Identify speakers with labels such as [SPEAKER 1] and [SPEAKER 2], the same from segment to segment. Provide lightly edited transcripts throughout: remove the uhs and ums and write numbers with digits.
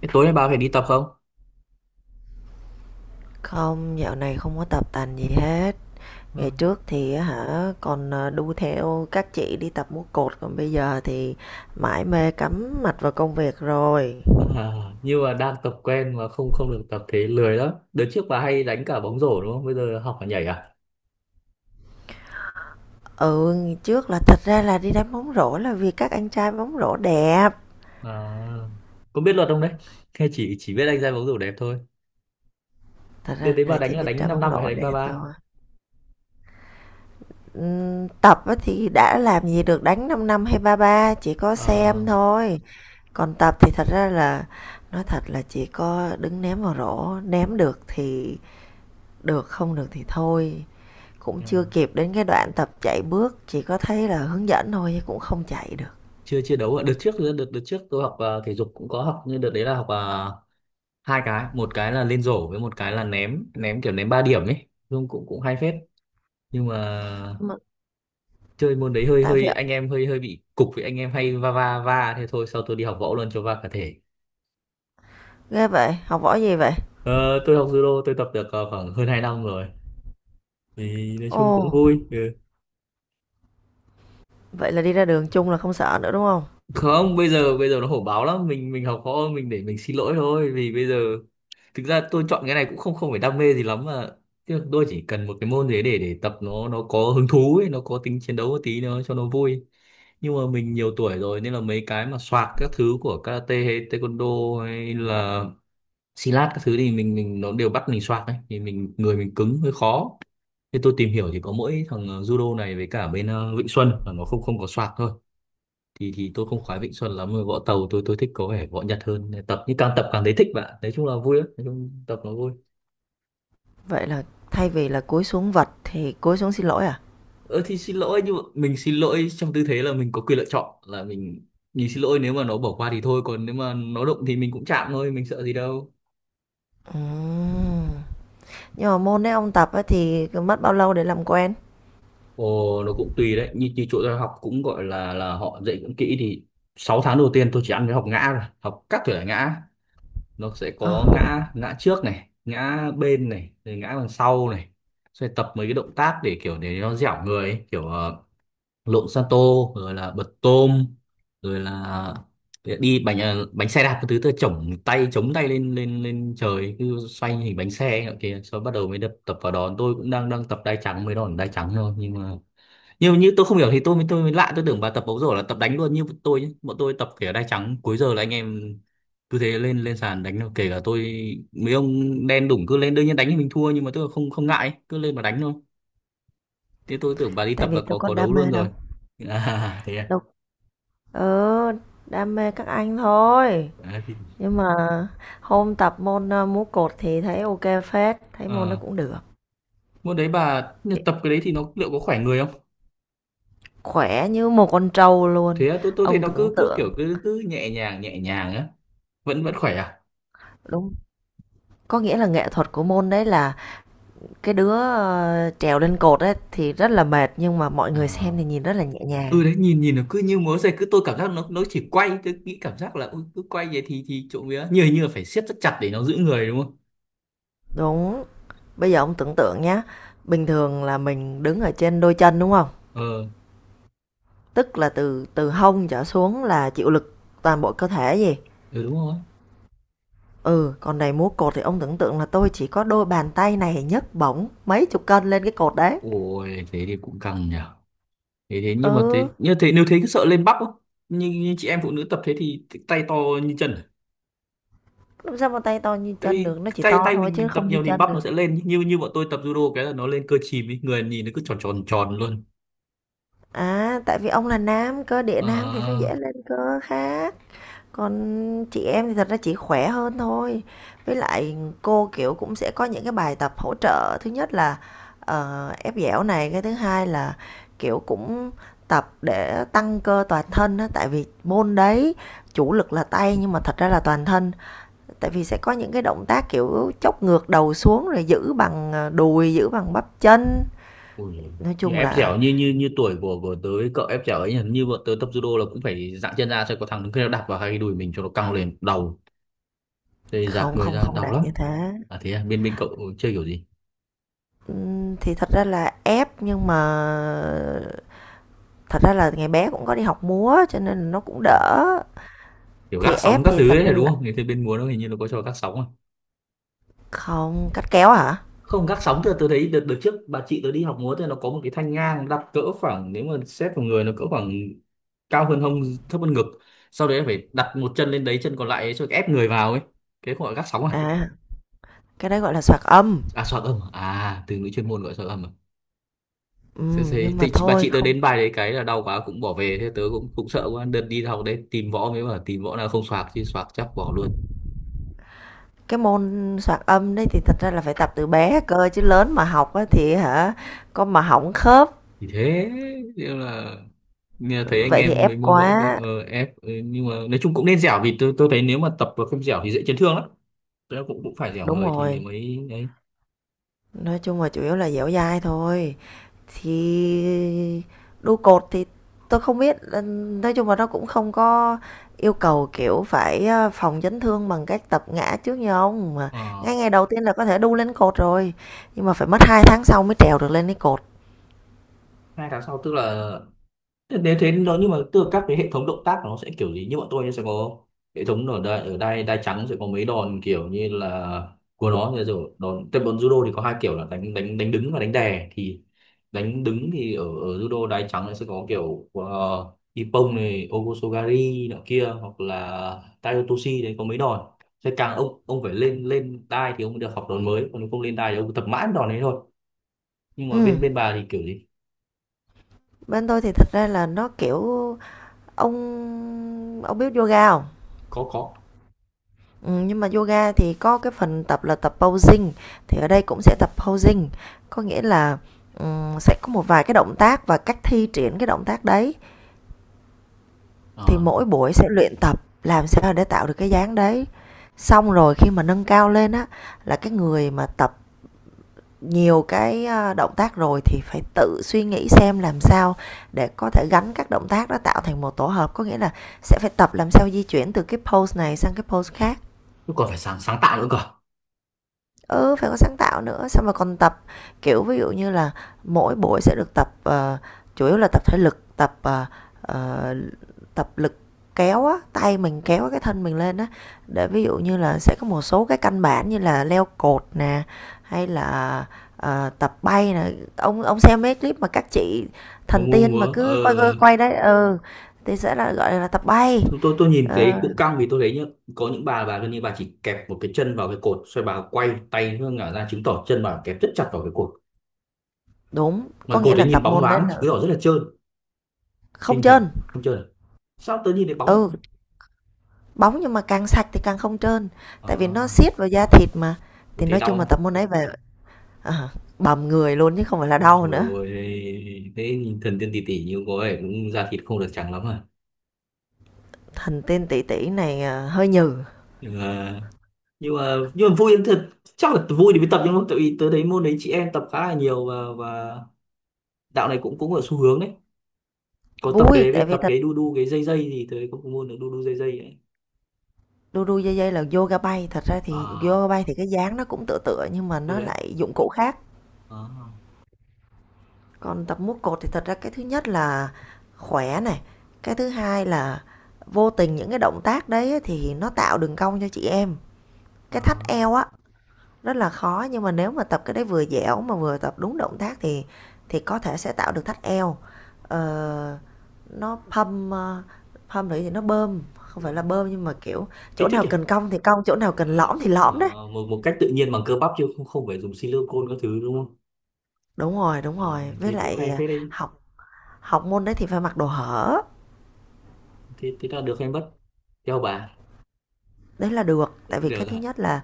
[SPEAKER 1] Thế tối nay bà phải đi tập không?
[SPEAKER 2] Không, dạo này không có tập tành gì hết. Ngày
[SPEAKER 1] Vâng.
[SPEAKER 2] trước thì á hả còn đu theo các chị đi tập múa cột, còn bây giờ thì mải mê cắm mặt vào công việc rồi.
[SPEAKER 1] À, nhưng mà đang tập quen mà không không được tập, thế lười lắm. Đợt trước bà hay đánh cả bóng rổ đúng không? Bây giờ học cả nhảy à?
[SPEAKER 2] Ừ, ngày trước là thật ra là đi đánh bóng rổ là vì các anh trai bóng rổ đẹp.
[SPEAKER 1] À, có biết luật không đấy? Hay chỉ biết đánh ra bóng rổ đẹp thôi.
[SPEAKER 2] Thật
[SPEAKER 1] Đợt
[SPEAKER 2] ra
[SPEAKER 1] đấy bà
[SPEAKER 2] là chỉ
[SPEAKER 1] đánh là
[SPEAKER 2] biết
[SPEAKER 1] đánh
[SPEAKER 2] ra
[SPEAKER 1] 5
[SPEAKER 2] bóng
[SPEAKER 1] năm rồi
[SPEAKER 2] rổ
[SPEAKER 1] hay đánh ba
[SPEAKER 2] đẹp
[SPEAKER 1] 3?
[SPEAKER 2] thôi. Tập á thì đã làm gì được, đánh 5 năm hay ba ba chỉ có xem
[SPEAKER 1] À,
[SPEAKER 2] thôi. Còn tập thì thật ra là nói thật là chỉ có đứng ném vào rổ, ném được thì được, không được thì thôi, cũng chưa kịp đến cái đoạn tập chạy bước, chỉ có thấy là hướng dẫn thôi chứ cũng không chạy được
[SPEAKER 1] chưa chưa đấu ạ. Đợt trước đợt đợt trước tôi học thể dục cũng có học nhưng đợt đấy là học hai cái, một cái là lên rổ với một cái là ném ném kiểu ném 3 điểm ấy. Nhưng cũng cũng hay phết. Nhưng mà
[SPEAKER 2] mà.
[SPEAKER 1] chơi môn đấy hơi
[SPEAKER 2] Tại vì
[SPEAKER 1] hơi anh em, hơi hơi bị cục với anh em hay va va va thế thôi, sau tôi đi học võ luôn cho va cả thể.
[SPEAKER 2] ghê vậy, học võ gì vậy?
[SPEAKER 1] Ờ, tôi học judo, tôi tập được khoảng hơn 2 năm rồi thì nói
[SPEAKER 2] Ồ,
[SPEAKER 1] chung cũng vui, ừ.
[SPEAKER 2] vậy là đi ra đường chung là không sợ nữa đúng không?
[SPEAKER 1] Không, bây giờ nó hổ báo lắm, mình học võ mình để mình xin lỗi thôi, vì bây giờ thực ra tôi chọn cái này cũng không không phải đam mê gì lắm mà. Tức là tôi chỉ cần một cái môn gì đấy để tập, nó có hứng thú ấy, nó có tính chiến đấu một tí nó cho nó vui. Nhưng mà mình nhiều tuổi rồi nên là mấy cái mà soạt các thứ của karate hay taekwondo hay là xi lát các thứ thì mình nó đều bắt mình xoạc ấy, thì mình người mình cứng hơi khó. Thế tôi tìm hiểu thì có mỗi thằng judo này với cả bên Vịnh Xuân là nó không không có xoạc thôi. Thì tôi không khoái Vịnh Xuân lắm mà võ tàu, tôi thích có vẻ võ Nhật hơn. Nên tập nhưng càng tập càng thấy thích bạn, nói chung là vui lắm, nói chung tập nó vui.
[SPEAKER 2] Vậy là thay vì là cúi xuống vật thì cúi xuống xin lỗi à?
[SPEAKER 1] Ơ thì xin lỗi, nhưng mà mình xin lỗi trong tư thế là mình có quyền lựa chọn là mình xin lỗi nếu mà nó bỏ qua thì thôi, còn nếu mà nó đụng thì mình cũng chạm thôi, mình sợ gì đâu.
[SPEAKER 2] Ừm, nhưng mà môn đấy ông tập ấy thì mất bao lâu để làm quen?
[SPEAKER 1] Ồ, nó cũng tùy đấy, như chỗ tôi học cũng gọi là họ dạy cũng kỹ thì 6 tháng đầu tiên tôi chỉ ăn cái học ngã, rồi học các thể loại ngã. Nó sẽ
[SPEAKER 2] ờ
[SPEAKER 1] có ngã ngã trước này, ngã bên này, rồi ngã đằng sau này. Rồi tập mấy cái động tác để kiểu để nó dẻo người ấy. Kiểu lộn san tô, rồi là bật tôm, rồi là đi bánh xe đạp cái thứ, tôi chổng tay, chống tay lên lên lên trời cứ xoay hình bánh xe ấy nọ kia, sau bắt đầu mới đập tập vào đòn. Tôi cũng đang đang tập đai trắng, mới đòn đai trắng thôi, nhưng mà nhưng như tôi không hiểu thì tôi mới lạ, tôi tưởng bà tập bóng rổ là tập đánh luôn như bọn tôi nhé, bọn tôi tập kể đai trắng cuối giờ là anh em cứ thế lên lên sàn đánh thôi. Kể cả tôi mấy ông đen đủng cứ lên đương nhiên đánh thì mình thua nhưng mà tôi không không ngại ấy, cứ lên mà đánh thôi. Thế tôi tưởng bà đi
[SPEAKER 2] Tại
[SPEAKER 1] tập là
[SPEAKER 2] vì tôi
[SPEAKER 1] có
[SPEAKER 2] có
[SPEAKER 1] có đấu
[SPEAKER 2] đam
[SPEAKER 1] luôn
[SPEAKER 2] mê đâu.
[SPEAKER 1] rồi. À, thế à.
[SPEAKER 2] Đâu, ừ, đam mê các anh thôi.
[SPEAKER 1] À thì
[SPEAKER 2] Nhưng mà hôm tập môn, múa cột thì thấy ok kê phết, thấy môn nó
[SPEAKER 1] ờ
[SPEAKER 2] cũng được.
[SPEAKER 1] môn đấy bà
[SPEAKER 2] Ki
[SPEAKER 1] tập cái đấy thì nó liệu có khỏe người không?
[SPEAKER 2] Khỏe như một con trâu luôn.
[SPEAKER 1] Thế à, tôi thấy
[SPEAKER 2] Ông
[SPEAKER 1] nó
[SPEAKER 2] tưởng
[SPEAKER 1] cứ cứ
[SPEAKER 2] tượng
[SPEAKER 1] kiểu cứ cứ nhẹ nhàng á. Vẫn vẫn khỏe à?
[SPEAKER 2] đúng, có nghĩa là nghệ thuật của môn đấy là cái đứa, trèo lên cột ấy thì rất là mệt, nhưng mà mọi
[SPEAKER 1] Ờ.
[SPEAKER 2] người xem thì nhìn rất là nhẹ
[SPEAKER 1] Ừ
[SPEAKER 2] nhàng.
[SPEAKER 1] đấy, nhìn nhìn nó cứ như múa dây cứ, tôi cảm giác nó chỉ quay, tôi nghĩ cảm giác là ui, cứ quay vậy thì trộm vía như như là phải siết rất chặt để nó giữ người, đúng không?
[SPEAKER 2] Đúng. Bây giờ ông tưởng tượng nhá, bình thường là mình đứng ở trên đôi chân, đúng không?
[SPEAKER 1] Ờ.
[SPEAKER 2] Tức là từ từ hông trở xuống là chịu lực toàn bộ cơ thể gì?
[SPEAKER 1] Ừ, đúng rồi.
[SPEAKER 2] Ừ, còn này múa cột thì ông tưởng tượng là tôi chỉ có đôi bàn tay này nhấc bổng mấy chục cân lên cái cột đấy.
[SPEAKER 1] Ôi thế thì cũng căng nhỉ. Thế thế nhưng mà
[SPEAKER 2] Ừ,
[SPEAKER 1] thế, như thế, nếu thế cứ sợ lên bắp không? Như chị em phụ nữ tập thế thì tay to như chân à?
[SPEAKER 2] làm sao mà tay to như
[SPEAKER 1] Tại
[SPEAKER 2] chân
[SPEAKER 1] vì
[SPEAKER 2] được, nó chỉ
[SPEAKER 1] tay
[SPEAKER 2] to
[SPEAKER 1] tay
[SPEAKER 2] thôi
[SPEAKER 1] mình
[SPEAKER 2] chứ
[SPEAKER 1] mình tập
[SPEAKER 2] không như
[SPEAKER 1] nhiều thì
[SPEAKER 2] chân
[SPEAKER 1] bắp nó
[SPEAKER 2] được.
[SPEAKER 1] sẽ lên, như như bọn tôi tập judo cái là nó lên cơ chìm ý, người nhìn nó cứ tròn tròn tròn luôn.
[SPEAKER 2] À, tại vì ông là nam, cơ địa nam thì nó
[SPEAKER 1] À.
[SPEAKER 2] dễ lên cơ khá. Còn chị em thì thật ra chỉ khỏe hơn thôi. Với lại cô, kiểu, cũng sẽ có những cái bài tập hỗ trợ, thứ nhất là, ép dẻo này, cái thứ hai là, kiểu, cũng tập để tăng cơ toàn thân đó, tại vì môn đấy chủ lực là tay nhưng mà thật ra là toàn thân. Tại vì sẽ có những cái động tác, kiểu, chốc ngược đầu xuống rồi giữ bằng, đùi, giữ bằng bắp chân.
[SPEAKER 1] Ui,
[SPEAKER 2] Nói
[SPEAKER 1] như
[SPEAKER 2] chung
[SPEAKER 1] ép
[SPEAKER 2] là
[SPEAKER 1] dẻo như như như tuổi của tớ cậu ép dẻo ấy, hình như bọn tớ tập judo là cũng phải dạng chân ra cho có thằng đứng kia nó đạp vào hai cái đùi mình cho nó căng lên đầu, thế dạt
[SPEAKER 2] không
[SPEAKER 1] người
[SPEAKER 2] không
[SPEAKER 1] ra
[SPEAKER 2] không
[SPEAKER 1] đau
[SPEAKER 2] đạt
[SPEAKER 1] lắm.
[SPEAKER 2] như thế.
[SPEAKER 1] À thế à, bên bên cậu chơi kiểu gì?
[SPEAKER 2] Thì thật ra là ép nhưng mà thật ra là ngày bé cũng có đi học múa cho nên nó cũng
[SPEAKER 1] À,
[SPEAKER 2] đỡ.
[SPEAKER 1] kiểu gác
[SPEAKER 2] Thì
[SPEAKER 1] sóng
[SPEAKER 2] ép
[SPEAKER 1] các
[SPEAKER 2] thì
[SPEAKER 1] thứ
[SPEAKER 2] thật
[SPEAKER 1] ấy
[SPEAKER 2] ra
[SPEAKER 1] là đúng
[SPEAKER 2] là
[SPEAKER 1] không? Thế bên múa nó hình như nó có cho gác sóng à?
[SPEAKER 2] không cắt kéo hả?
[SPEAKER 1] Không, gác sóng thì tớ thấy đợt đợt trước bà chị tớ đi học múa thì nó có một cái thanh ngang đặt cỡ khoảng, nếu mà xét vào người nó cỡ khoảng cao hơn hông, thấp hơn ngực, sau đấy phải đặt một chân lên đấy, chân còn lại ấy, cho ép người vào ấy. Cái gọi là gác sóng à?
[SPEAKER 2] À, cái đấy gọi là soạt âm.
[SPEAKER 1] À, soạn âm à. À, từ ngữ chuyên môn gọi soạn âm à?
[SPEAKER 2] Ừ,
[SPEAKER 1] Thế
[SPEAKER 2] nhưng mà
[SPEAKER 1] thì chị, bà
[SPEAKER 2] thôi
[SPEAKER 1] chị tớ
[SPEAKER 2] không,
[SPEAKER 1] đến bài đấy cái là đau quá cũng bỏ về. Thế tớ cũng cũng sợ quá, đợt đi học đấy tìm võ mới bảo tìm võ nào không soạc, chứ soạc chắc bỏ luôn.
[SPEAKER 2] cái môn soạt âm đấy thì thật ra là phải tập từ bé cơ, chứ lớn mà học á thì hả con mà hỏng khớp.
[SPEAKER 1] Thì thế, nhưng là nghe thấy anh
[SPEAKER 2] Vậy thì
[SPEAKER 1] em mấy
[SPEAKER 2] ép
[SPEAKER 1] môn võ kia
[SPEAKER 2] quá.
[SPEAKER 1] ép nhưng mà nói chung cũng nên dẻo, vì tôi thấy nếu mà tập và không dẻo thì dễ chấn thương lắm. Tớ cũng cũng phải dẻo
[SPEAKER 2] Đúng
[SPEAKER 1] người thì nếu
[SPEAKER 2] rồi.
[SPEAKER 1] mới đấy.
[SPEAKER 2] Nói chung là chủ yếu là dẻo dai thôi. Thì đu cột thì tôi không biết, nói chung là nó cũng không có yêu cầu, kiểu, phải, phòng chấn thương bằng cách tập ngã trước như ông, mà
[SPEAKER 1] Ờ.
[SPEAKER 2] ngay ngày đầu tiên là có thể đu lên cột rồi, nhưng mà phải mất 2 tháng sau mới trèo được lên cái cột.
[SPEAKER 1] 2 tháng sau tức là nếu thế nó, nhưng mà tức là các cái hệ thống động tác của nó sẽ kiểu gì, như bọn tôi nhá, sẽ có hệ thống. Ở đây đai trắng sẽ có mấy đòn kiểu như là của nó, rồi rồi đòn, tại bọn judo thì có hai kiểu là đánh đánh đánh đứng và đánh đè. Thì đánh đứng thì ở judo đai trắng nó sẽ có kiểu ippon này, ogosogari nọ kia, hoặc là taiyotoshi đấy có mấy đòn. Sẽ càng ông phải lên lên đai thì ông mới được học đòn mới, còn nếu không lên đai thì ông tập mãi đòn đấy thôi. Nhưng mà
[SPEAKER 2] Ừm,
[SPEAKER 1] bên bên bà thì kiểu gì?
[SPEAKER 2] bên tôi thì thật ra là nó, kiểu, ông biết yoga không?
[SPEAKER 1] Có, có.
[SPEAKER 2] Nhưng mà yoga thì có cái phần tập là tập posing, thì ở đây cũng sẽ tập posing, có nghĩa là, sẽ có một vài cái động tác và cách thi triển cái động tác đấy. Thì
[SPEAKER 1] Ờ.
[SPEAKER 2] mỗi buổi sẽ luyện tập làm sao để tạo được cái dáng đấy. Xong rồi khi mà nâng cao lên á, là cái người mà tập nhiều cái, động tác rồi thì phải tự suy nghĩ xem làm sao để có thể gắn các động tác đó tạo thành một tổ hợp. Có nghĩa là sẽ phải tập làm sao di chuyển từ cái pose này sang cái pose khác.
[SPEAKER 1] Chứ còn phải sáng sáng tạo nữa cơ.
[SPEAKER 2] Ừ, phải có sáng tạo nữa, xong rồi còn tập, kiểu, ví dụ như là mỗi buổi sẽ được tập, chủ yếu là tập thể lực, tập, ờ, tập lực kéo á, tay mình kéo cái thân mình lên á. Để ví dụ như là sẽ có một số cái căn bản như là leo cột nè, hay là, tập bay nè. Ông xem mấy clip mà các chị
[SPEAKER 1] Mua
[SPEAKER 2] thần
[SPEAKER 1] mua
[SPEAKER 2] tiên mà
[SPEAKER 1] múa ờ
[SPEAKER 2] cứ quay quay quay đấy, ừ, thì sẽ là, gọi là, tập bay.
[SPEAKER 1] Tôi, tôi nhìn cái
[SPEAKER 2] Ờ,
[SPEAKER 1] cụm căng, vì tôi thấy nhá, có những bà gần như bà chỉ kẹp một cái chân vào cái cột xoay, bà quay tay hướng ngả ra chứng tỏ chân bà kẹp rất chặt vào cái cột.
[SPEAKER 2] đúng,
[SPEAKER 1] Mà
[SPEAKER 2] có nghĩa
[SPEAKER 1] cột ấy
[SPEAKER 2] là
[SPEAKER 1] nhìn
[SPEAKER 2] tập
[SPEAKER 1] bóng
[SPEAKER 2] môn đấy
[SPEAKER 1] loáng
[SPEAKER 2] là
[SPEAKER 1] chứng tỏ rất là trơn,
[SPEAKER 2] không
[SPEAKER 1] kinh thật.
[SPEAKER 2] chênh,
[SPEAKER 1] Không trơn à? Sao tớ nhìn thấy bóng
[SPEAKER 2] ừ.
[SPEAKER 1] lắm.
[SPEAKER 2] Bóng nhưng mà càng sạch thì càng không trơn, tại vì nó
[SPEAKER 1] À.
[SPEAKER 2] siết vào da thịt mà.
[SPEAKER 1] Tôi
[SPEAKER 2] Thì
[SPEAKER 1] thấy
[SPEAKER 2] nói
[SPEAKER 1] đau
[SPEAKER 2] chung là
[SPEAKER 1] không?
[SPEAKER 2] tập môn đấy về ờ, bầm người luôn chứ không phải là
[SPEAKER 1] Ôi
[SPEAKER 2] đau
[SPEAKER 1] trời
[SPEAKER 2] nữa.
[SPEAKER 1] ơi, thế nhìn thần tiên tỷ tỷ như có vẻ cũng da thịt không được trắng lắm à?
[SPEAKER 2] Thành tên tỷ tỷ này, hơi nhừ,
[SPEAKER 1] Nhưng mà, nhưng mà vui lắm thật. Chắc là vui thì mới tập, nhưng mà tại vì tớ thấy môn đấy chị em tập khá là nhiều, và đạo này cũng cũng ở xu hướng đấy, có tập cái
[SPEAKER 2] vui,
[SPEAKER 1] đấy
[SPEAKER 2] tại
[SPEAKER 1] với
[SPEAKER 2] vì
[SPEAKER 1] tập
[SPEAKER 2] thật.
[SPEAKER 1] cái đu đu cái dây dây gì, tới có môn là đu đu dây dây ấy.
[SPEAKER 2] Đu đu dây dây là yoga bay, thật ra thì
[SPEAKER 1] À,
[SPEAKER 2] yoga bay thì cái dáng nó cũng tựa tựa nhưng mà
[SPEAKER 1] ừ
[SPEAKER 2] nó
[SPEAKER 1] đấy.
[SPEAKER 2] lại dụng cụ khác.
[SPEAKER 1] À,
[SPEAKER 2] Còn tập múa cột thì thật ra cái thứ nhất là khỏe này, cái thứ hai là vô tình những cái động tác đấy thì nó tạo đường cong cho chị em. Cái thắt
[SPEAKER 1] à,
[SPEAKER 2] eo á, rất là khó nhưng mà nếu mà tập cái đấy vừa dẻo mà vừa tập đúng động tác thì có thể sẽ tạo được thắt eo, ờ, nó pump, pump nữa thì nó bơm, không phải
[SPEAKER 1] ừ.
[SPEAKER 2] là bơm nhưng mà kiểu chỗ
[SPEAKER 1] Kích
[SPEAKER 2] nào
[SPEAKER 1] thích nhỉ.
[SPEAKER 2] cần cong thì cong, chỗ nào cần
[SPEAKER 1] Ờ,
[SPEAKER 2] lõm thì lõm đấy.
[SPEAKER 1] một một cách tự nhiên bằng cơ bắp chứ không không phải dùng silicone các thứ, đúng không?
[SPEAKER 2] Đúng
[SPEAKER 1] Ờ,
[SPEAKER 2] rồi, với
[SPEAKER 1] thế cũng
[SPEAKER 2] lại
[SPEAKER 1] hay phết đấy.
[SPEAKER 2] học học môn đấy thì phải mặc đồ hở.
[SPEAKER 1] Thế thế là được hay mất, theo bà?
[SPEAKER 2] Đấy là được, tại
[SPEAKER 1] Được
[SPEAKER 2] vì cái thứ
[SPEAKER 1] rồi.
[SPEAKER 2] nhất là,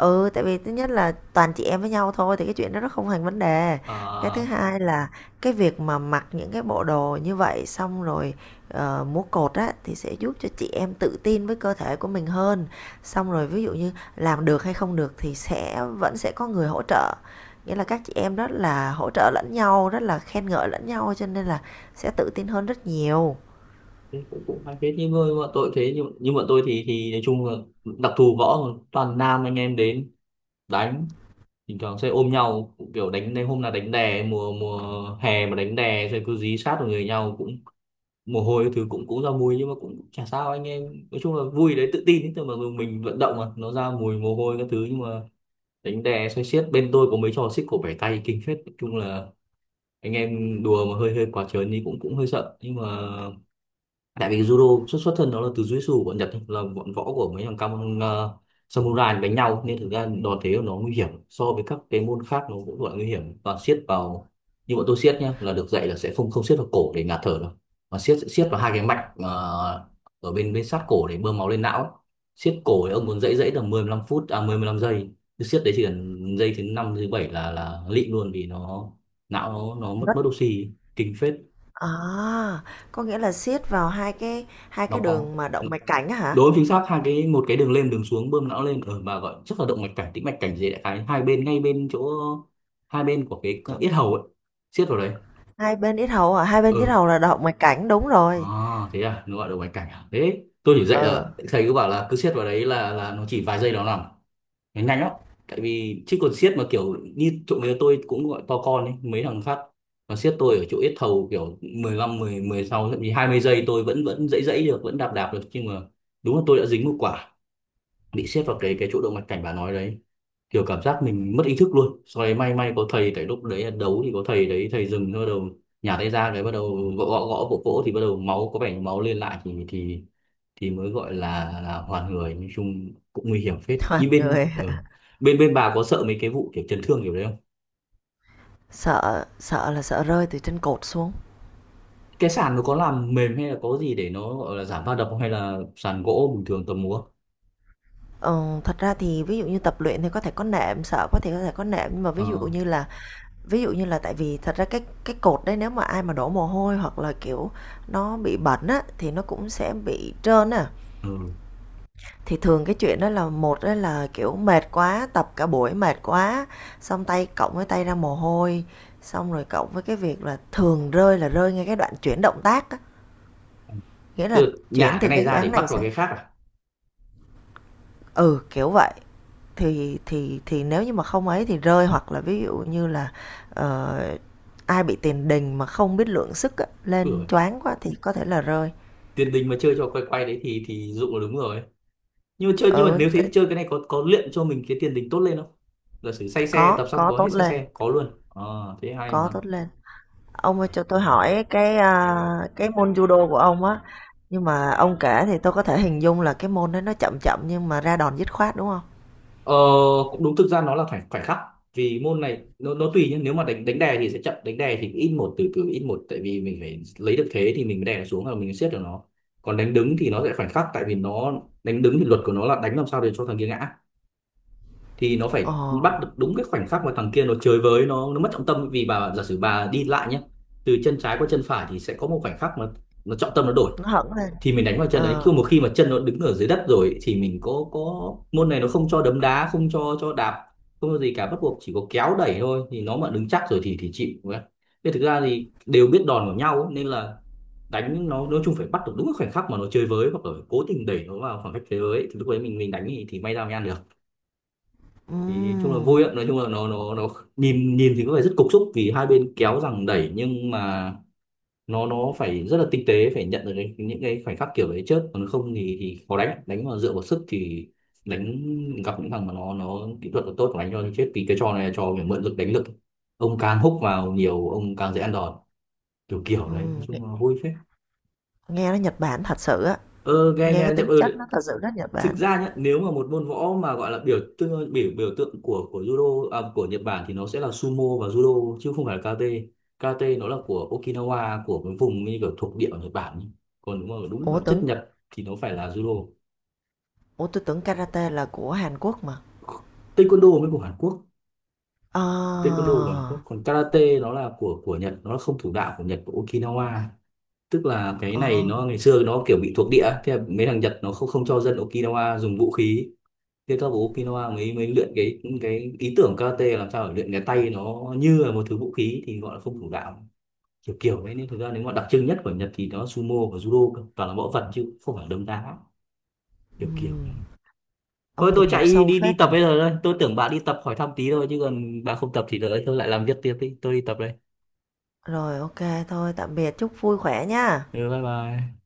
[SPEAKER 2] ừ, tại vì thứ nhất là toàn chị em với nhau thôi thì cái chuyện đó nó không thành vấn đề. Cái thứ
[SPEAKER 1] À,
[SPEAKER 2] hai là cái việc mà mặc những cái bộ đồ như vậy, xong rồi múa cột á thì sẽ giúp cho chị em tự tin với cơ thể của mình hơn. Xong rồi ví dụ như làm được hay không được thì sẽ vẫn sẽ có người hỗ trợ. Nghĩa là các chị em rất là hỗ trợ lẫn nhau, rất là khen ngợi lẫn nhau cho nên là sẽ tự tin hơn rất nhiều.
[SPEAKER 1] thế cũng cũng hay phết, nhưng mà nhưng mà tôi thì nói chung là đặc thù võ mà toàn nam, anh em đến đánh bình thường sẽ ôm nhau, kiểu đánh đến hôm nào đánh đè, mùa mùa hè mà đánh đè rồi cứ dí sát vào người nhau, cũng mồ hôi cái thứ cũng cũng ra mùi, nhưng mà cũng chả sao. Anh em nói chung là vui đấy, tự tin ấy thôi, mà mình vận động mà nó ra mùi mồ hôi các thứ. Nhưng mà đánh đè xoay xiết bên tôi có mấy trò xích cổ bẻ tay kinh phết, nói chung là anh em đùa mà hơi hơi quá trớn thì cũng cũng hơi sợ. Nhưng mà tại vì judo xuất xuất thân nó là từ jujitsu bọn Nhật ấy, là bọn võ của mấy thằng cam samurai đánh nhau, nên thực ra đòn thế của nó nguy hiểm so với các cái môn khác, nó cũng gọi nguy hiểm, toàn siết vào. Như bọn tôi siết nhá, là được dạy là sẽ không không siết vào cổ để ngạt thở đâu, mà siết sẽ siết vào hai cái mạch ở bên bên sát cổ để bơm máu lên não ấy. Siết cổ thì ông muốn dãy dãy tầm 15 phút, à 15 giây, cứ siết đấy chỉ cần giây thứ năm thứ bảy là lịm luôn, vì nó não nó mất
[SPEAKER 2] Rất
[SPEAKER 1] mất oxy kinh phết.
[SPEAKER 2] à, có nghĩa là siết vào hai cái
[SPEAKER 1] Nó có
[SPEAKER 2] đường mà động mạch cảnh á hả?
[SPEAKER 1] đối chính xác hai cái, một cái đường lên đường xuống bơm não lên ở, mà gọi chắc là động mạch cảnh, tĩnh mạch cảnh gì, đại khái hai bên ngay bên chỗ hai bên của cái
[SPEAKER 2] Chỗ
[SPEAKER 1] yết
[SPEAKER 2] nào?
[SPEAKER 1] hầu ấy, siết vào đấy.
[SPEAKER 2] Hai bên yết hầu à? Hai bên yết
[SPEAKER 1] Ừ.
[SPEAKER 2] hầu là động mạch cảnh, đúng
[SPEAKER 1] À,
[SPEAKER 2] rồi.
[SPEAKER 1] thế à, nó gọi động mạch cảnh à? Thế tôi chỉ dạy
[SPEAKER 2] Ờ,
[SPEAKER 1] là thầy cứ bảo là cứ siết vào đấy là nó chỉ vài giây nó nằm, nó nhanh lắm. Tại vì chứ còn siết mà kiểu như chỗ người tôi cũng gọi to con ấy, mấy thằng khác mà siết tôi ở chỗ yết hầu kiểu mười lăm, mười mười 16 thậm chí 20 giây tôi vẫn vẫn dãy dãy được, vẫn đạp đạp được. Nhưng mà đúng là tôi đã dính một quả bị xếp vào cái chỗ động mạch cảnh bà nói đấy, kiểu cảm giác mình mất ý thức luôn. Sau đấy may có thầy, tại lúc đấy là đấu thì có thầy đấy, thầy dừng, bắt đầu nhả tay ra cái bắt đầu gõ gõ gõ vỗ vỗ, thì bắt đầu máu có vẻ như máu lên lại thì thì mới gọi là hoàn người. Nói chung cũng nguy hiểm phết. Như
[SPEAKER 2] toàn
[SPEAKER 1] bên
[SPEAKER 2] người
[SPEAKER 1] ừ, bên bên bà có sợ mấy cái vụ kiểu chấn thương kiểu đấy không?
[SPEAKER 2] sợ, sợ là sợ rơi từ trên cột xuống.
[SPEAKER 1] Cái sàn nó có làm mềm hay là có gì để nó gọi là giảm va đập không, hay là sàn gỗ bình thường tầm múa?
[SPEAKER 2] Ờ, thật ra thì ví dụ như tập luyện thì có thể có nệm, sợ có thể có nệm, nhưng mà ví dụ
[SPEAKER 1] Ờ.
[SPEAKER 2] như là tại vì thật ra cái cột đấy nếu mà ai mà đổ mồ hôi hoặc là kiểu nó bị bẩn á thì nó cũng sẽ bị trơn á.
[SPEAKER 1] Ừ.
[SPEAKER 2] Thì thường cái chuyện đó là một đó là, kiểu, mệt quá, tập cả buổi mệt quá, xong tay cộng với tay ra mồ hôi, xong rồi cộng với cái việc là thường rơi là rơi ngay cái đoạn chuyển động tác á, nghĩa
[SPEAKER 1] Tức
[SPEAKER 2] là
[SPEAKER 1] là nhả
[SPEAKER 2] chuyển
[SPEAKER 1] cái
[SPEAKER 2] từ
[SPEAKER 1] này
[SPEAKER 2] cái dự
[SPEAKER 1] ra để
[SPEAKER 2] án
[SPEAKER 1] bắt
[SPEAKER 2] này
[SPEAKER 1] vào
[SPEAKER 2] sang,
[SPEAKER 1] cái khác à?
[SPEAKER 2] ừ, kiểu vậy. Thì nếu như mà không ấy thì rơi, hoặc là ví dụ như là, ờ, ai bị tiền đình mà không biết lượng sức á, lên
[SPEAKER 1] Ừ.
[SPEAKER 2] choáng quá thì có thể là rơi.
[SPEAKER 1] Tiền đình mà chơi cho quay quay đấy thì dụ là đúng rồi, nhưng mà chơi, nhưng mà
[SPEAKER 2] Ừ,
[SPEAKER 1] nếu
[SPEAKER 2] t
[SPEAKER 1] thế thì chơi cái này có luyện cho mình cái tiền đình tốt lên không? Giả sử say xe
[SPEAKER 2] có,
[SPEAKER 1] tập xong
[SPEAKER 2] có
[SPEAKER 1] có
[SPEAKER 2] tốt
[SPEAKER 1] hết say
[SPEAKER 2] lên,
[SPEAKER 1] xe có luôn? Ờ thế hay
[SPEAKER 2] có
[SPEAKER 1] mà.
[SPEAKER 2] tốt lên. Ông ơi cho tôi hỏi cái cái môn judo của ông á, nhưng mà ông kể thì tôi có thể hình dung là cái môn đấy nó chậm chậm nhưng mà ra đòn dứt khoát đúng không?
[SPEAKER 1] Ờ cũng đúng, thực ra nó là phải phải khắc, vì môn này nó tùy nhá. Nếu mà đánh đánh đè thì sẽ chậm, đánh đè thì ít một, từ từ ít một, tại vì mình phải lấy được thế thì mình mới đè nó xuống và mình siết được nó. Còn đánh đứng thì nó sẽ phải khắc, tại vì nó đánh đứng thì luật của nó là đánh làm sao để cho thằng kia ngã, thì nó
[SPEAKER 2] Ồ,
[SPEAKER 1] phải bắt được đúng cái khoảnh khắc mà thằng kia nó chơi với, nó mất trọng tâm. Vì bà giả sử bà đi lại nhé, từ chân trái qua chân phải thì sẽ có một khoảnh khắc mà nó trọng tâm nó đổi,
[SPEAKER 2] nó hẳn lên.
[SPEAKER 1] thì mình đánh vào chân đấy. Chứ
[SPEAKER 2] Ờ,
[SPEAKER 1] một khi mà chân nó đứng ở dưới đất rồi thì mình có môn này nó không cho đấm đá, không cho đạp, không có gì cả, bắt buộc chỉ có kéo đẩy thôi, thì nó mà đứng chắc rồi thì chịu. Nên thực ra thì đều biết đòn của nhau ấy, nên là đánh nó nói chung phải bắt được đúng cái khoảnh khắc mà nó chơi với, hoặc là cố tình đẩy nó vào khoảng cách thế giới thì lúc đấy mình đánh thì may ra mới ăn được. Thì chung là
[SPEAKER 2] ừm,
[SPEAKER 1] vui ạ, nói chung là nó nhìn nhìn thì có vẻ rất cục xúc vì hai bên kéo rằng đẩy, nhưng mà nó phải rất là tinh tế, phải nhận được cái, những cái khoảnh khắc kiểu đấy trước, còn không thì, thì khó đánh. Đánh mà dựa vào sức thì đánh gặp những thằng mà nó kỹ thuật nó tốt mà đánh cho thì chết, vì cái trò này là trò phải mượn lực đánh lực, ông càng húc vào nhiều ông càng dễ ăn đòn. Kiểu kiểu đấy, nói
[SPEAKER 2] Nghe,
[SPEAKER 1] chung là vui phết.
[SPEAKER 2] nghe nó Nhật Bản thật sự á,
[SPEAKER 1] Ơ nghe
[SPEAKER 2] nghe
[SPEAKER 1] nghe
[SPEAKER 2] cái
[SPEAKER 1] nó chậm
[SPEAKER 2] tính chất nó
[SPEAKER 1] ừ.
[SPEAKER 2] thật sự rất Nhật
[SPEAKER 1] Thực
[SPEAKER 2] Bản.
[SPEAKER 1] ra nhá, nếu mà một môn võ mà gọi là biểu tượng biểu biểu tượng của judo à, của Nhật Bản thì nó sẽ là sumo và judo chứ không phải là karate. Karate nó là của Okinawa, của cái vùng như kiểu thuộc địa ở Nhật Bản ấy. Còn đúng mà đúng là
[SPEAKER 2] Ủa
[SPEAKER 1] chất
[SPEAKER 2] tưởng,
[SPEAKER 1] Nhật thì nó phải là judo.
[SPEAKER 2] ủa tôi tưởng karate là của Hàn Quốc mà.
[SPEAKER 1] Taekwondo mới của Hàn Quốc,
[SPEAKER 2] Ờ,
[SPEAKER 1] taekwondo của Hàn Quốc, còn karate nó là của Nhật, nó là không thủ đạo của Nhật, của Okinawa. Tức là cái này
[SPEAKER 2] ờ,
[SPEAKER 1] nó ngày xưa nó kiểu bị thuộc địa, thế là mấy thằng Nhật nó không không cho dân Okinawa dùng vũ khí. Thế các bố Kinoa mới mới luyện cái ý tưởng karate, làm sao để luyện cái tay nó như là một thứ vũ khí, thì gọi là không thủ đạo. Kiểu kiểu đấy, nên thực ra nếu mà đặc trưng nhất của Nhật thì nó sumo và judo cơ, toàn là võ thuật chứ không phải đấm đá kiểu kiểu
[SPEAKER 2] ừm,
[SPEAKER 1] đấy. Thôi
[SPEAKER 2] ông
[SPEAKER 1] tôi
[SPEAKER 2] tìm hiểu
[SPEAKER 1] chạy đi
[SPEAKER 2] sâu
[SPEAKER 1] đi đi
[SPEAKER 2] phết
[SPEAKER 1] tập
[SPEAKER 2] nhỉ.
[SPEAKER 1] bây giờ đây, tôi tưởng bà đi tập hỏi thăm tí thôi, chứ còn bà không tập thì đợi tôi lại làm việc tiếp đi, tôi đi tập đây.
[SPEAKER 2] Rồi ok, thôi, tạm biệt, chúc vui khỏe nha.
[SPEAKER 1] Ừ, bye bye.